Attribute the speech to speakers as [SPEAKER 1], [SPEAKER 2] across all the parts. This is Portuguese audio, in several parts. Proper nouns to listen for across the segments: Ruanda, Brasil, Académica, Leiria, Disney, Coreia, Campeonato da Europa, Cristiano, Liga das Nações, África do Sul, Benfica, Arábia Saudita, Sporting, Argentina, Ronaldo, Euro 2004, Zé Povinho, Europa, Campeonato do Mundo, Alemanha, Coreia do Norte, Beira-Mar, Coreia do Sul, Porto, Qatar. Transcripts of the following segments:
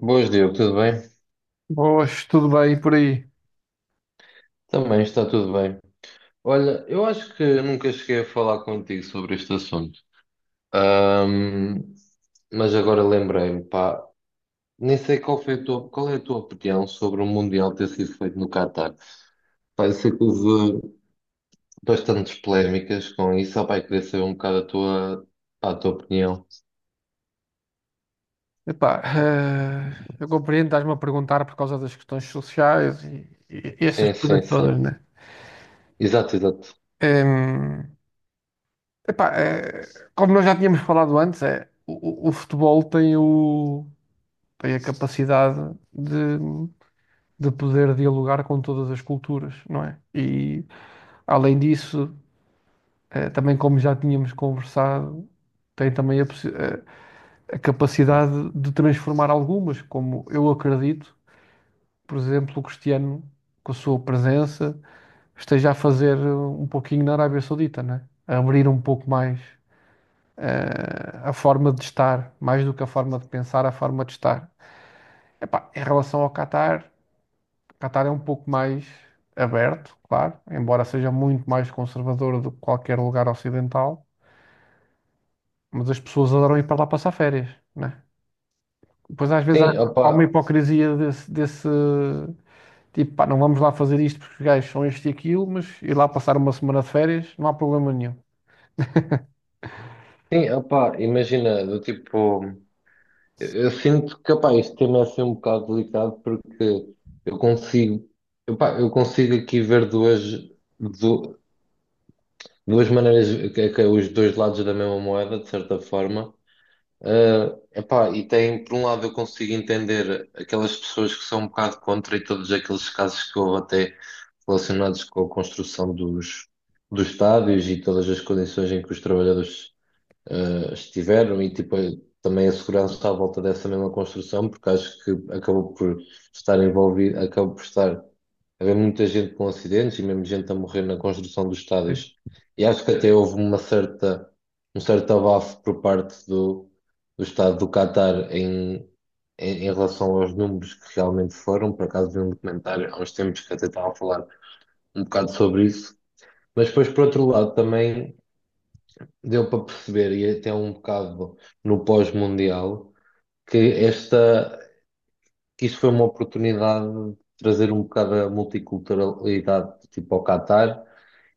[SPEAKER 1] Boas, Diogo, tudo bem?
[SPEAKER 2] Boas, tudo bem por aí?
[SPEAKER 1] Também está tudo bem. Olha, eu acho que nunca cheguei a falar contigo sobre este assunto. Ahm, mas agora lembrei-me, pá, nem sei qual é a tua opinião sobre o Mundial ter sido feito no Qatar. Pá, eu sei que houve bastantes polémicas com isso, só pá, eu queria saber um bocado a tua opinião.
[SPEAKER 2] Epá, eu compreendo, estás-me a perguntar por causa das questões sociais e essas
[SPEAKER 1] Sim,
[SPEAKER 2] coisas
[SPEAKER 1] sim, sim.
[SPEAKER 2] todas, né?
[SPEAKER 1] Exato, exato.
[SPEAKER 2] Em, epá, como nós já tínhamos falado antes, é, o futebol tem, tem a capacidade de, de poder dialogar com todas as culturas, não é? E além disso, também como já tínhamos conversado, tem também a capacidade de transformar algumas, como eu acredito. Por exemplo, o Cristiano, com a sua presença, esteja a fazer um pouquinho na Arábia Saudita, né? A abrir um pouco mais a forma de estar, mais do que a forma de pensar, a forma de estar. Epá, em relação ao Qatar, o Qatar é um pouco mais aberto, claro, embora seja muito mais conservador do que qualquer lugar ocidental, mas as pessoas adoram ir para lá passar férias, né? Pois às vezes há,
[SPEAKER 1] Sim,
[SPEAKER 2] há uma
[SPEAKER 1] opá,
[SPEAKER 2] hipocrisia desse. Tipo, pá, não vamos lá fazer isto porque os gajos são isto e aquilo, mas ir lá passar uma semana de férias não há problema nenhum.
[SPEAKER 1] sim, opá, imagina, do tipo. Eu sinto que, opá, este tema é assim um bocado delicado porque eu consigo, eu consigo aqui ver du- duas maneiras, que é os dois lados da mesma moeda, de certa forma. Ah, epá, e tem, por um lado, eu consigo entender aquelas pessoas que são um bocado contra e todos aqueles casos que houve até relacionados com a construção dos, dos estádios e todas as condições em que os trabalhadores estiveram e tipo, também a segurança à volta dessa mesma construção, porque acho que acabou por estar haver muita gente com acidentes e mesmo gente a morrer na construção dos estádios. E acho que até houve um certo abafo por parte do, do Estado do Qatar em relação aos números que realmente foram. Por acaso vi um documentário há uns tempos que até estava a falar um bocado sobre isso. Mas depois, por outro lado, também deu para perceber, e até um bocado no pós-mundial, que esta, que isto foi uma oportunidade de trazer um bocado a multiculturalidade tipo ao Qatar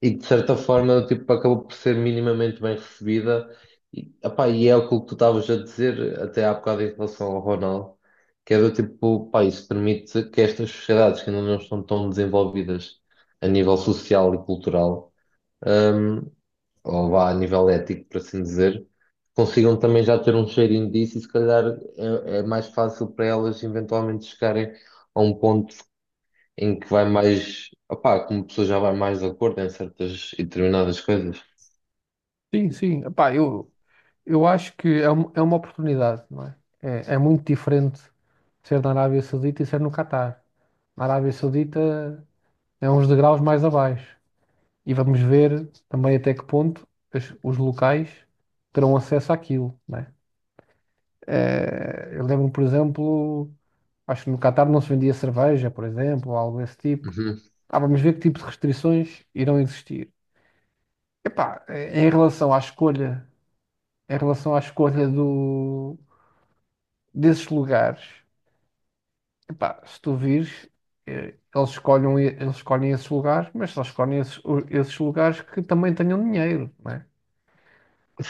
[SPEAKER 1] e que de certa forma tipo, acabou por ser minimamente bem recebida. E, epá, e é aquilo que tu estavas a dizer até há bocado em relação ao Ronaldo, que é do tipo, pá, isso permite que estas sociedades que ainda não estão tão desenvolvidas a nível social e cultural hum, ou vá a nível ético, por assim dizer, consigam também já ter um cheirinho disso e se calhar é mais fácil para elas eventualmente chegarem a um ponto em que vai mais, opá, como a pessoa já vai mais de acordo em certas e determinadas coisas.
[SPEAKER 2] Sim, sim. Epá, eu acho que é, é uma oportunidade, não é? É, é muito diferente ser na Arábia Saudita e ser no Catar. Na Arábia Saudita é uns degraus mais abaixo. E vamos ver também até que ponto os locais terão acesso àquilo, não é? Eu lembro, por exemplo, acho que no Catar não se vendia cerveja, por exemplo, ou algo desse tipo.
[SPEAKER 1] Uhum.
[SPEAKER 2] Ah, vamos ver que tipo de restrições irão existir. Epá, em relação à escolha, em relação à escolha do, desses lugares, epá, se tu vires, eles escolhem esses lugares, mas só escolhem esses, esses lugares que também tenham dinheiro, não é?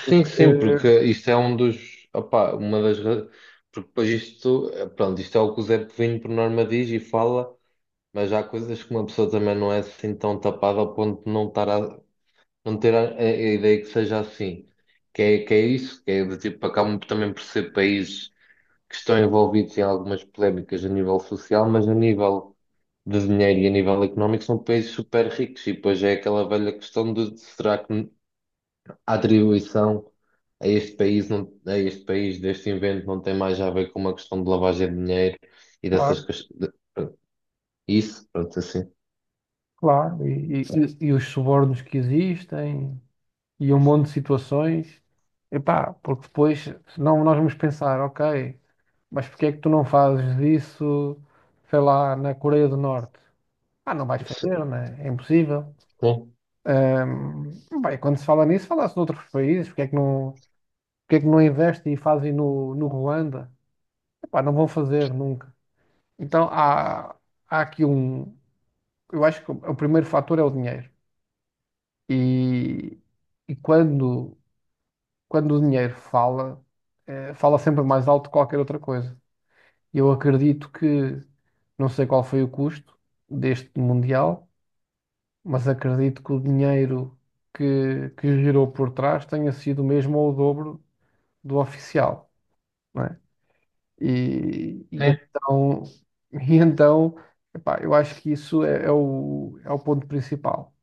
[SPEAKER 2] O
[SPEAKER 1] Sim,
[SPEAKER 2] que,
[SPEAKER 1] sim, porque isto é um dos, opá, porque depois isto, eh, pronto, isto é o que o Zé Povinho por norma diz e fala, mas há coisas que uma pessoa também não é assim tão tapada ao ponto de não ter a ideia que seja assim. Que é isso, que é do tipo, acabam também por ser países que estão envolvidos em algumas polémicas a nível social, mas a nível de dinheiro e a nível económico são países super ricos. E depois é aquela velha questão de será que a atribuição a este país, não, a este país deste invento não tem mais a ver com uma questão de lavagem de dinheiro e dessas
[SPEAKER 2] claro,
[SPEAKER 1] questões. Isso, pronto, assim.
[SPEAKER 2] claro, e os subornos que existem, e um monte de situações, epá, porque depois, senão nós vamos pensar, ok. Mas porque é que tu não fazes isso, sei lá, na Coreia do Norte? Ah, não vais fazer, né? É impossível.
[SPEAKER 1] Sim,
[SPEAKER 2] Ahm, bem, quando se fala nisso, fala-se noutros países. Porque é que não, porque é que não investem e fazem no, no Ruanda? Epá, não vão fazer nunca. Então há, há aqui um. Eu acho que o primeiro fator é o dinheiro. E, e quando, quando o dinheiro fala, fala sempre mais alto que qualquer outra coisa. Eu acredito que, não sei qual foi o custo deste Mundial, mas acredito que o dinheiro que girou por trás tenha sido o mesmo ou o dobro do oficial, não é? E
[SPEAKER 1] sim.
[SPEAKER 2] então, e então epá, eu acho que isso é, é o ponto principal.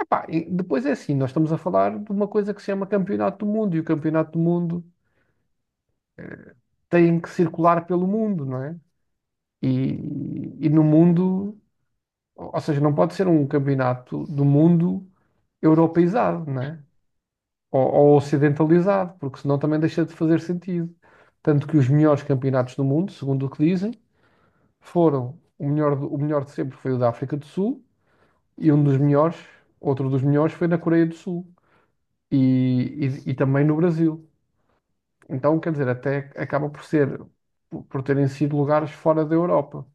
[SPEAKER 2] Epá, e depois é assim, nós estamos a falar de uma coisa que se chama Campeonato do Mundo, e o Campeonato do Mundo tem que circular pelo mundo, não é? E, e no mundo. Ou seja, não pode ser um campeonato do mundo europeizado, né? Ou ocidentalizado, porque senão também deixa de fazer sentido. Tanto que os melhores campeonatos do mundo, segundo o que dizem, foram o melhor, o melhor de sempre foi o da África do Sul e um dos melhores, outro dos melhores foi na Coreia do Sul e, e também no Brasil. Então, quer dizer, até acaba por ser, por terem sido lugares fora da Europa.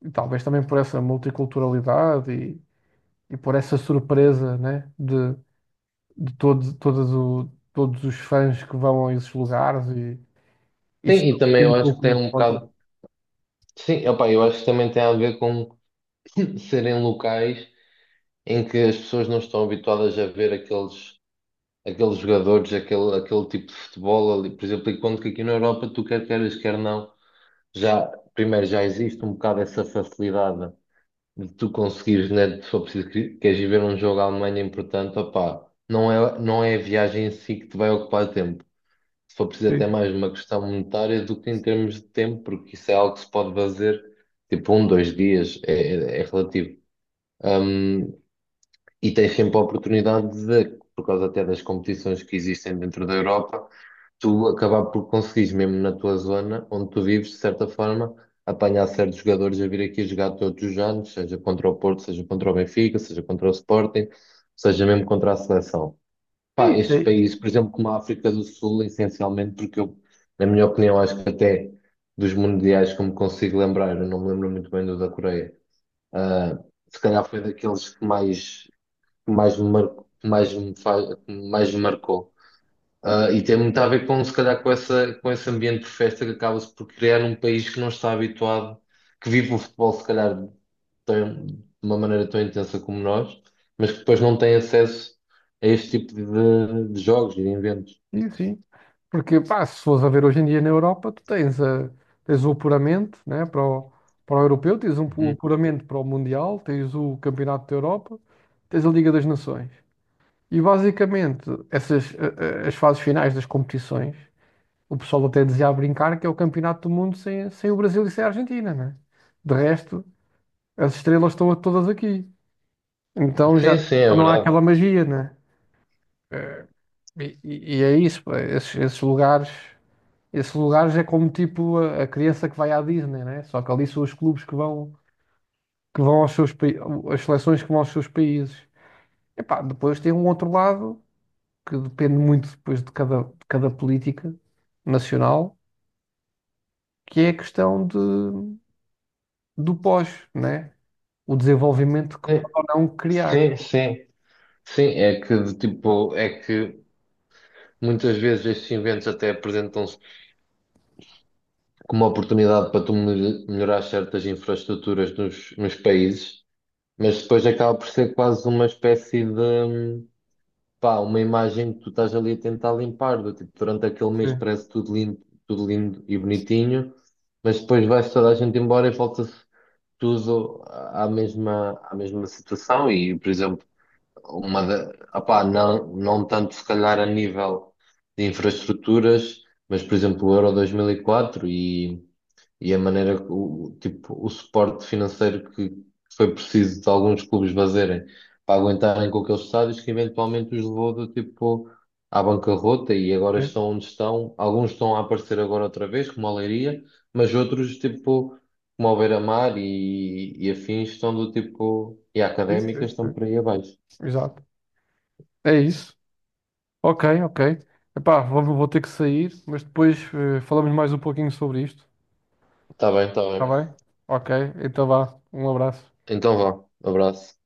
[SPEAKER 2] E talvez também por essa multiculturalidade e por essa surpresa, né, de, de todos os fãs que vão a esses lugares e
[SPEAKER 1] Sim,
[SPEAKER 2] isso
[SPEAKER 1] e também
[SPEAKER 2] surpreende
[SPEAKER 1] eu
[SPEAKER 2] um
[SPEAKER 1] acho que
[SPEAKER 2] pouco
[SPEAKER 1] tem
[SPEAKER 2] me
[SPEAKER 1] um
[SPEAKER 2] conta.
[SPEAKER 1] bocado. Sim, opá, eu acho que também tem a ver com serem locais em que as pessoas não estão habituadas a ver aqueles jogadores, aquele tipo de futebol ali. Por exemplo, enquanto que aqui na Europa, tu quer queiras, quer não, já, primeiro já existe um bocado essa facilidade de tu conseguires, né, se for preciso, queres ir ver um jogo à Alemanha importante, opá, não é, não é a viagem em si que te vai ocupar tempo se for preciso até
[SPEAKER 2] Sim,
[SPEAKER 1] mais uma questão monetária do que em termos de tempo, porque isso é algo que se pode fazer tipo um, dois dias, é relativo. Um, e tens sempre a oportunidade de, por causa até das competições que existem dentro da Europa, tu acabar por conseguires, mesmo na tua zona onde tu vives, de certa forma, apanhar certos jogadores a vir aqui jogar todos os anos, seja contra o Porto, seja contra o Benfica, seja contra o Sporting, seja mesmo contra a seleção. Pá,
[SPEAKER 2] sim,
[SPEAKER 1] estes
[SPEAKER 2] sim.
[SPEAKER 1] países, por exemplo, como a África do Sul, essencialmente, porque eu, na minha opinião, acho que até dos mundiais, como consigo lembrar, eu não me lembro muito bem do da Coreia, ah, se calhar foi daqueles que mais me marcou, que mais me marcou. Ah, e tem muito a ver com, se calhar, com essa, com esse ambiente de festa que acaba-se por criar num país que não está habituado, que vive o futebol, se calhar, de uma maneira tão intensa como nós, mas que depois não tem acesso a este tipo de jogos e de eventos.
[SPEAKER 2] Sim, sim. Porque pá, se fores a ver hoje em dia na Europa, tu tens, a, tens o apuramento né, para o, para o europeu, tens um, o
[SPEAKER 1] Uhum.
[SPEAKER 2] apuramento para o Mundial, tens o Campeonato da Europa, tens a Liga das Nações. E basicamente, essas as fases finais das competições, o pessoal até dizia a brincar que é o Campeonato do Mundo sem, sem o Brasil e sem a Argentina, né? De resto, as estrelas estão todas aqui. Então já
[SPEAKER 1] Sim, sim, é
[SPEAKER 2] não há
[SPEAKER 1] verdade.
[SPEAKER 2] aquela magia, né? Eh, e é isso, pá, esses, esses lugares é como tipo a criança que vai à Disney, né? Só que ali são os clubes que vão aos seus países, as seleções que vão aos seus países. Epá, depois tem um outro lado que depende muito depois de cada política nacional, que é a questão de, do pós, né? O desenvolvimento que
[SPEAKER 1] Sim,
[SPEAKER 2] pode ou não criar.
[SPEAKER 1] sim, sim. Sim, é que, de tipo, é que muitas vezes estes eventos até apresentam-se como uma oportunidade para tu melhorar certas infraestruturas nos, nos países. Mas depois acaba por ser quase uma espécie de, pá, uma imagem que tu estás ali a tentar limpar, do tipo, durante aquele mês
[SPEAKER 2] Sim,
[SPEAKER 1] parece tudo lindo e bonitinho, mas depois vai-se toda a gente embora e volta-se tudo à mesma situação e, por exemplo, uma da, opá, não, não tanto se calhar a nível de infraestruturas, mas, por exemplo, o Euro 2004 e quatro e a maneira, tipo, o suporte financeiro que foi preciso de alguns clubes fazerem para aguentarem com aqueles estádios que eventualmente os levou do tipo à bancarrota e agora
[SPEAKER 2] sim,
[SPEAKER 1] estão onde estão. Alguns estão a aparecer agora outra vez, como a Leiria, mas outros, tipo, como o Beira-Mar e afins, estão do tipo, e a
[SPEAKER 2] sim,
[SPEAKER 1] Académica
[SPEAKER 2] sim,
[SPEAKER 1] estão
[SPEAKER 2] sim.
[SPEAKER 1] por aí abaixo.
[SPEAKER 2] Exato. É isso. Ok, ok. Epá, vou, vou ter que sair, mas depois falamos mais um pouquinho sobre isto.
[SPEAKER 1] Está bem, está
[SPEAKER 2] Está
[SPEAKER 1] bem.
[SPEAKER 2] bem? Ok, então vá. Um abraço.
[SPEAKER 1] Então vá, abraço.